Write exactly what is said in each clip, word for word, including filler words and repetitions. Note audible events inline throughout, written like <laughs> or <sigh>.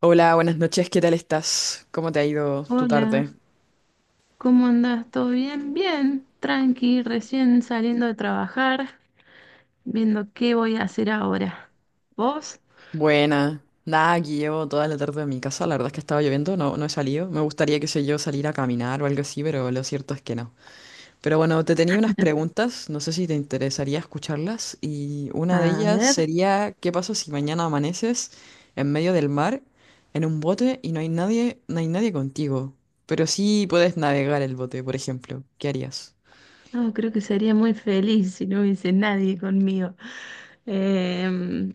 Hola, buenas noches, ¿qué tal estás? ¿Cómo te ha ido tu Hola, tarde? ¿cómo andás? ¿Todo bien? Bien, tranqui, recién saliendo de trabajar, viendo qué voy a hacer ahora. ¿Vos? Buena. Nada, aquí llevo toda la tarde en mi casa, la verdad es que estaba lloviendo, no, no he salido. Me gustaría, qué sé yo, salir a caminar o algo así, pero lo cierto es que no. Pero bueno, te tenía unas preguntas, no sé si te interesaría escucharlas, y una de A ellas ver, sería, ¿qué pasa si mañana amaneces en medio del mar, en un bote, y no hay nadie, no hay nadie contigo? Pero sí puedes navegar el bote, por ejemplo. ¿Qué harías? no, creo que sería muy feliz si no hubiese nadie conmigo. Em,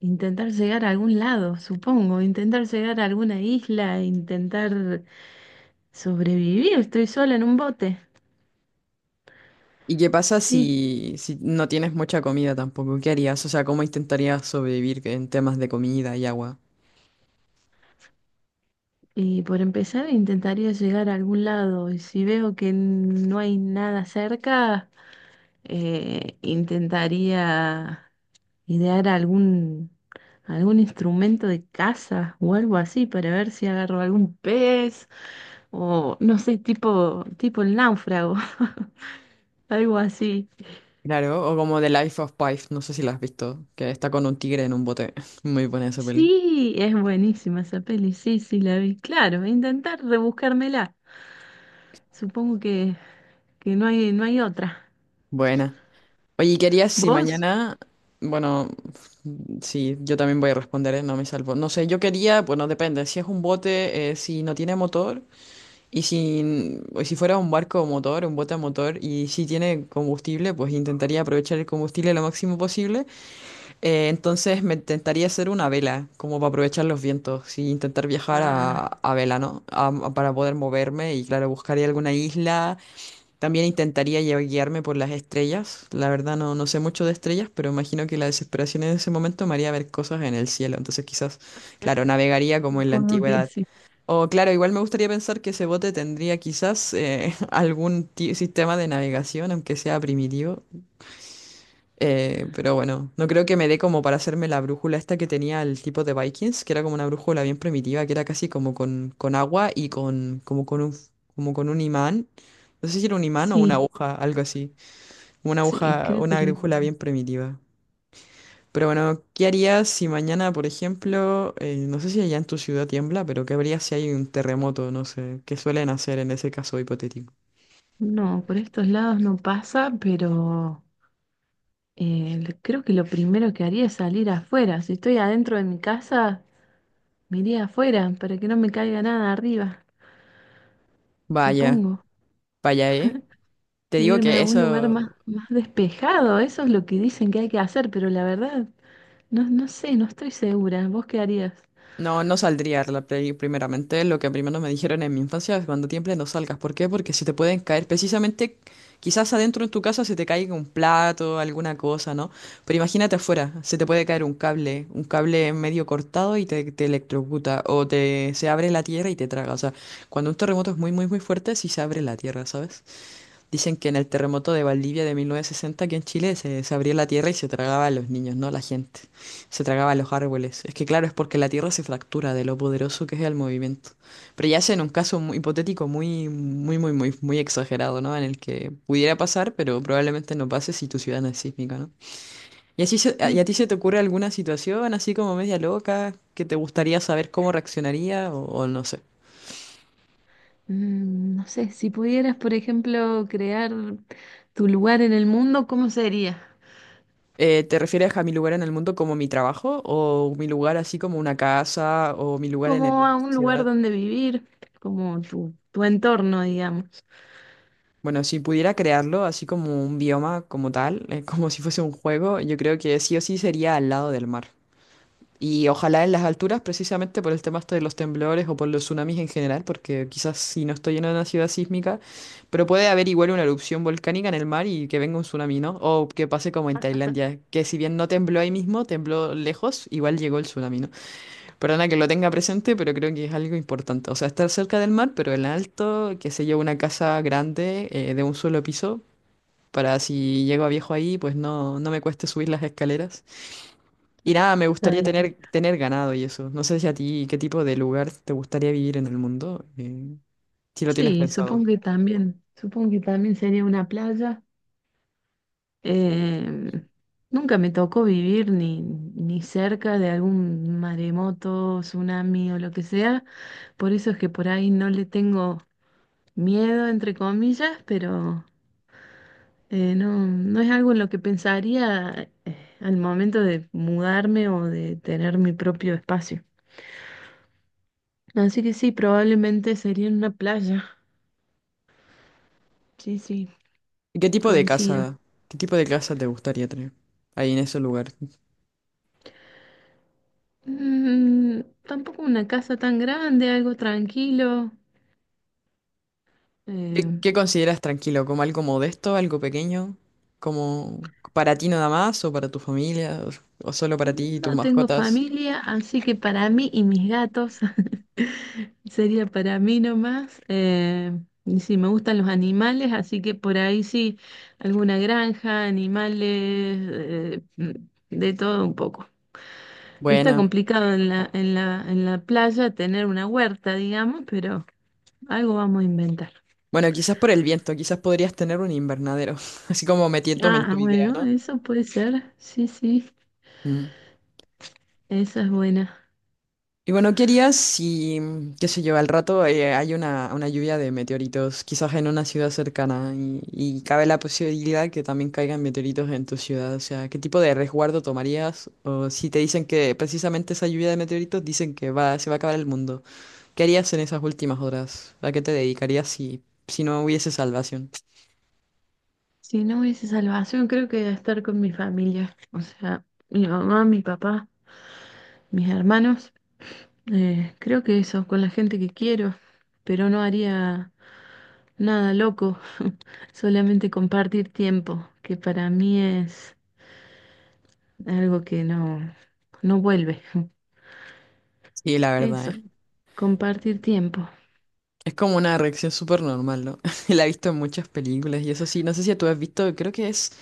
Intentar llegar a algún lado, supongo, intentar llegar a alguna isla, intentar sobrevivir, estoy sola en un bote. ¿Y qué pasa Sí, si, si no tienes mucha comida tampoco? ¿Qué harías? O sea, ¿cómo intentarías sobrevivir en temas de comida y agua? y por empezar intentaría llegar a algún lado y si veo que no hay nada cerca, eh, intentaría idear algún, algún instrumento de caza o algo así para ver si agarro algún pez o no sé, tipo, tipo el náufrago, <laughs> algo así. Claro, o como The Life of Pi, no sé si la has visto, que está con un tigre en un bote. <laughs> Muy buena esa peli. Sí, es buenísima esa peli, sí, sí, la vi. Claro, intentar rebuscármela. Supongo que, que no hay, no hay otra. Buena. Oye, ¿y ¿qué harías si ¿Vos? mañana... Bueno, sí, yo también voy a responder, ¿eh? No me salvo. No sé, yo quería, bueno, depende, si es un bote, eh, si no tiene motor, y si, o si fuera un barco motor, un bote a motor, y si tiene combustible, pues intentaría aprovechar el combustible lo máximo posible. Eh, entonces me intentaría hacer una vela, como para aprovechar los vientos y intentar viajar a, Ah, a vela, ¿no? A- a- para poder moverme y claro, buscaría alguna isla. También intentaría lle- guiarme por las estrellas. La verdad no, no sé mucho de estrellas, pero imagino que la desesperación en ese momento me haría ver cosas en el cielo. Entonces quizás, claro, navegaría como en la supongo que antigüedad. sí. O claro, igual me gustaría pensar que ese bote tendría quizás eh, <laughs> algún ti- sistema de navegación, aunque sea primitivo. Eh, pero bueno, no creo que me dé como para hacerme la brújula esta que tenía el tipo de Vikings, que era como una brújula bien primitiva, que era casi como con, con agua y con, como con un, f- como con un imán. No sé si era un imán o una Sí, aguja, algo así. Una sí, aguja, creo que una era brújula una... bien primitiva. Pero bueno, ¿qué harías si mañana, por ejemplo, eh, no sé si allá en tu ciudad tiembla, pero qué habría si hay un terremoto, no sé, qué suelen hacer en ese caso hipotético? No, por estos lados no pasa, pero Eh, l- creo que lo primero que haría es salir afuera. Si estoy adentro de mi casa, me iría afuera para que no me caiga nada arriba, Vaya, supongo. vaya, ¿eh? Te E digo irme que a un lugar eso. más, más despejado, eso es lo que dicen que hay que hacer, pero la verdad, no, no sé, no estoy segura. ¿Vos qué harías? No, no saldría la play primeramente. Lo que primero me dijeron en mi infancia es cuando tiembles no salgas. ¿Por qué? Porque se te pueden caer precisamente, quizás adentro en tu casa se te caiga un plato, alguna cosa, ¿no? Pero imagínate afuera, se te puede caer un cable, un cable medio cortado y te, te electrocuta o te, se abre la tierra y te traga. O sea, cuando un terremoto es muy, muy, muy fuerte, sí se abre la tierra, ¿sabes? Dicen que en el terremoto de Valdivia de mil novecientos sesenta, aquí en Chile, se, se abría la tierra y se tragaba a los niños, no a la gente. Se tragaba a los árboles. Es que claro, es porque la tierra se fractura de lo poderoso que es el movimiento. Pero ya sea en un caso muy hipotético muy, muy, muy, muy, muy exagerado, ¿no? En el que pudiera pasar, pero probablemente no pase si tu ciudad no es sísmica, ¿no? ¿Y, así se- Sí. y a ti se te ocurre alguna situación así como media loca que te gustaría saber cómo reaccionaría o o no sé? Mm, no sé, si pudieras, por ejemplo, crear tu lugar en el mundo, ¿cómo sería? Eh, ¿te refieres a mi lugar en el mundo como mi trabajo o mi lugar así como una casa o mi lugar en Como el- a la un lugar sociedad? donde vivir, como tu, tu entorno, digamos. Bueno, si pudiera crearlo así como un bioma como tal, eh, <laughs> como si fuese un juego, yo creo que sí o sí sería al lado del mar. Y ojalá en las alturas, precisamente por el tema este de los temblores o por los tsunamis en general, porque quizás si no estoy en una ciudad sísmica, pero puede haber igual una erupción volcánica en el mar y que venga un tsunami, ¿no? O que pase como en Tailandia, que si bien no tembló ahí mismo, tembló lejos, igual llegó el tsunami, ¿no? Perdona que lo tenga presente, pero creo que es algo importante. O sea, estar cerca del mar, pero en alto, que se lleve una casa grande eh, de un solo piso, para si llego a viejo ahí, pues no, no me cueste subir las escaleras. Y nada, me Está gustaría bien. tener, tener ganado y eso. No sé si a ti qué tipo de lugar te gustaría vivir en el mundo, eh, si lo tienes Sí, supongo pensado. que también, supongo que también sería una playa. Em, Nunca me tocó vivir ni, ni cerca de algún maremoto, tsunami o lo que sea, por eso es que por ahí no le tengo miedo, entre comillas, pero eh, no, no es algo en lo que pensaría eh, al momento de mudarme o de tener mi propio espacio. Así que sí, probablemente sería en una playa. Sí, sí, ¿Y qué tipo de coincido. casa, qué tipo de casa te gustaría tener ahí en ese lugar? Mm, tampoco una casa tan grande, algo tranquilo. ¿Qué, Eh, qué consideras tranquilo? ¿Como algo modesto, algo pequeño? ¿Como para ti nada más o para tu familia o, o solo para ti y no tus tengo mascotas? familia, así que para mí y mis gatos <laughs> sería para mí nomás. Eh, y sí, me gustan los animales, así que por ahí sí, alguna granja, animales, eh, mm, de todo un poco. Que está Buena. complicado en la, en la, en la playa tener una huerta, digamos, pero algo vamos a inventar. Bueno, quizás por el viento, quizás podrías tener un invernadero, <laughs> así como metiéndome en Ah, ah, tu idea, Bueno, ¿no? eso puede ser, sí, sí. Mm. Esa es buena. Y bueno, ¿qué harías si, qué sé yo, al rato eh, hay una, una lluvia de meteoritos, quizás en una ciudad cercana, y, y cabe la posibilidad que también caigan meteoritos en tu ciudad? O sea, ¿qué tipo de resguardo tomarías? O si te dicen que precisamente esa lluvia de meteoritos dicen que va, se va a acabar el mundo. ¿Qué harías en esas últimas horas? ¿A qué te dedicarías si, si no hubiese salvación? Si no hubiese salvación, creo que estar con mi familia. O sea, mi mamá, mi papá, mis hermanos. Eh, creo que eso, con la gente que quiero. Pero no haría nada loco. <laughs> Solamente compartir tiempo, que para mí es algo que no, no vuelve. <laughs> Sí, la verdad, Eso, ¿eh? compartir tiempo. Es como una reacción súper normal, ¿no? <laughs> La he visto en muchas películas y eso sí, no sé si tú has visto, creo que es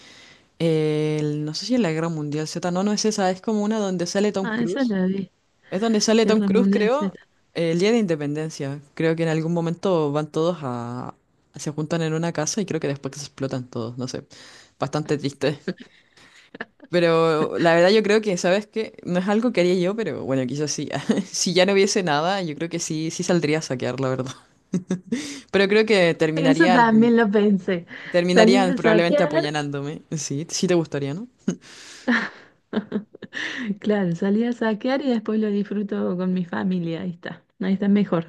El- no sé si es la Guerra Mundial Z, no, no es esa, es como una donde sale Tom Ah, esa Cruise. la vi. Es donde sale Tom Guerra Cruise, Mundial Z. creo, el día de Independencia. Creo que en algún momento van todos a... se juntan en una casa y creo que después se explotan todos, no sé. Bastante triste. Pero la verdad yo creo que, ¿sabes qué? No es algo que haría yo, pero bueno, quizás sí. <laughs> Si ya no hubiese nada, yo creo que sí, sí saldría a saquear, la verdad. Pero creo que <laughs> Eso terminarían, también lo pensé. ¿Salís terminarían a probablemente saquear? apuñalándome. Sí, sí te gustaría, ¿no? <laughs> Claro, salí a saquear y después lo disfruto con mi familia. Ahí está, ahí está mejor.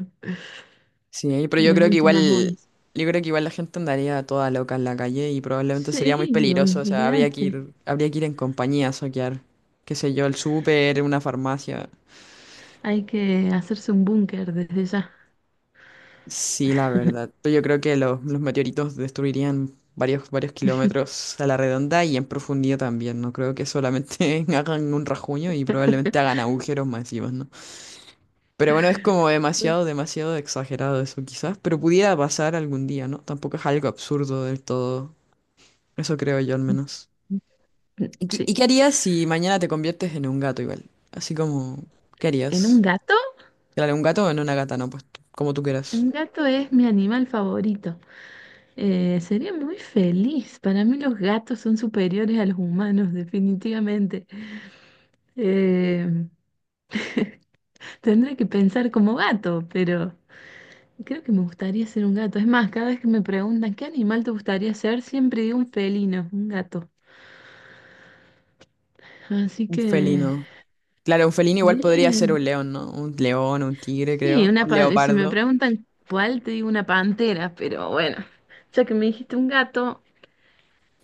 Sí, pero En yo las creo que últimas igual, horas. yo creo que igual la gente andaría toda loca en la calle y probablemente sería muy Sí, peligroso, o sea, habría que olvídate. ir, habría que ir en compañía a soquear, qué sé yo, el súper, una farmacia. Hay que hacerse un búnker desde ya. Sí, la verdad. Pero yo creo que los, los meteoritos destruirían varios, varios <laughs> kilómetros a la redonda y en profundidad también. No creo que solamente <laughs> hagan un rajuño y probablemente hagan agujeros masivos, ¿no? Pero bueno, es como demasiado, demasiado exagerado eso quizás, pero pudiera pasar algún día, ¿no? Tampoco es algo absurdo del todo. Eso creo yo al menos. ¿Y, qué y Sí, qué harías si mañana te conviertes en un gato igual? Así como, ¿qué en un harías? gato. Claro, un gato o en una gata, ¿no? Pues t- como tú quieras. Un gato es mi animal favorito. Eh, sería muy feliz. Para mí los gatos son superiores a los humanos, <laughs> definitivamente. Eh, Tendré que pensar como gato, pero creo que me gustaría ser un gato. Es más, cada vez que me preguntan qué animal te gustaría ser, siempre digo un felino, un gato. Así Un que, felino. Claro, un felino igual podría ser bien. un león, ¿no? Un león, un tigre, Sí, creo. una Un pa- si me leopardo. preguntan cuál, te digo una pantera, pero bueno, ya que me dijiste un gato,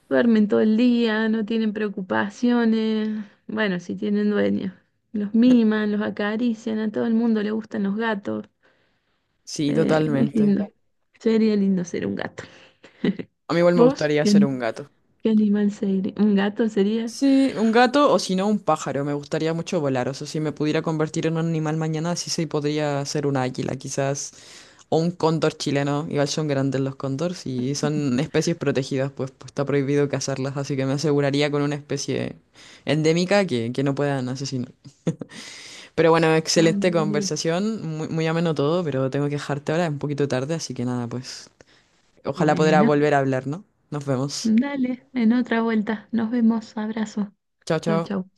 duermen todo el día, no tienen preocupaciones. Bueno, si tienen dueños. Los miman, los acarician, a todo el mundo le gustan los gatos. Sí, Eh, es totalmente. lindo. Sería lindo ser un gato. <laughs> A mí igual me ¿Vos? gustaría ¿Qué, ser ani- un gato. Qué animal sería? ¿Un gato serías? Sí, un gato o si no un pájaro. Me gustaría mucho volar. O sea, si me pudiera convertir en un animal mañana, sí se podría ser un águila, quizás. O un cóndor chileno, igual son grandes los cóndores y son especies protegidas, pues, pues está prohibido cazarlas, así que me aseguraría con una especie endémica que, que no puedan asesinar. Pero bueno, excelente También. conversación, muy, muy ameno todo, pero tengo que dejarte ahora, es un poquito tarde, así que nada, pues ojalá podrá Bueno, volver a hablar, ¿no? Nos vemos. dale, en otra vuelta. Nos vemos. Abrazo. Chao, Chau, chao. chau.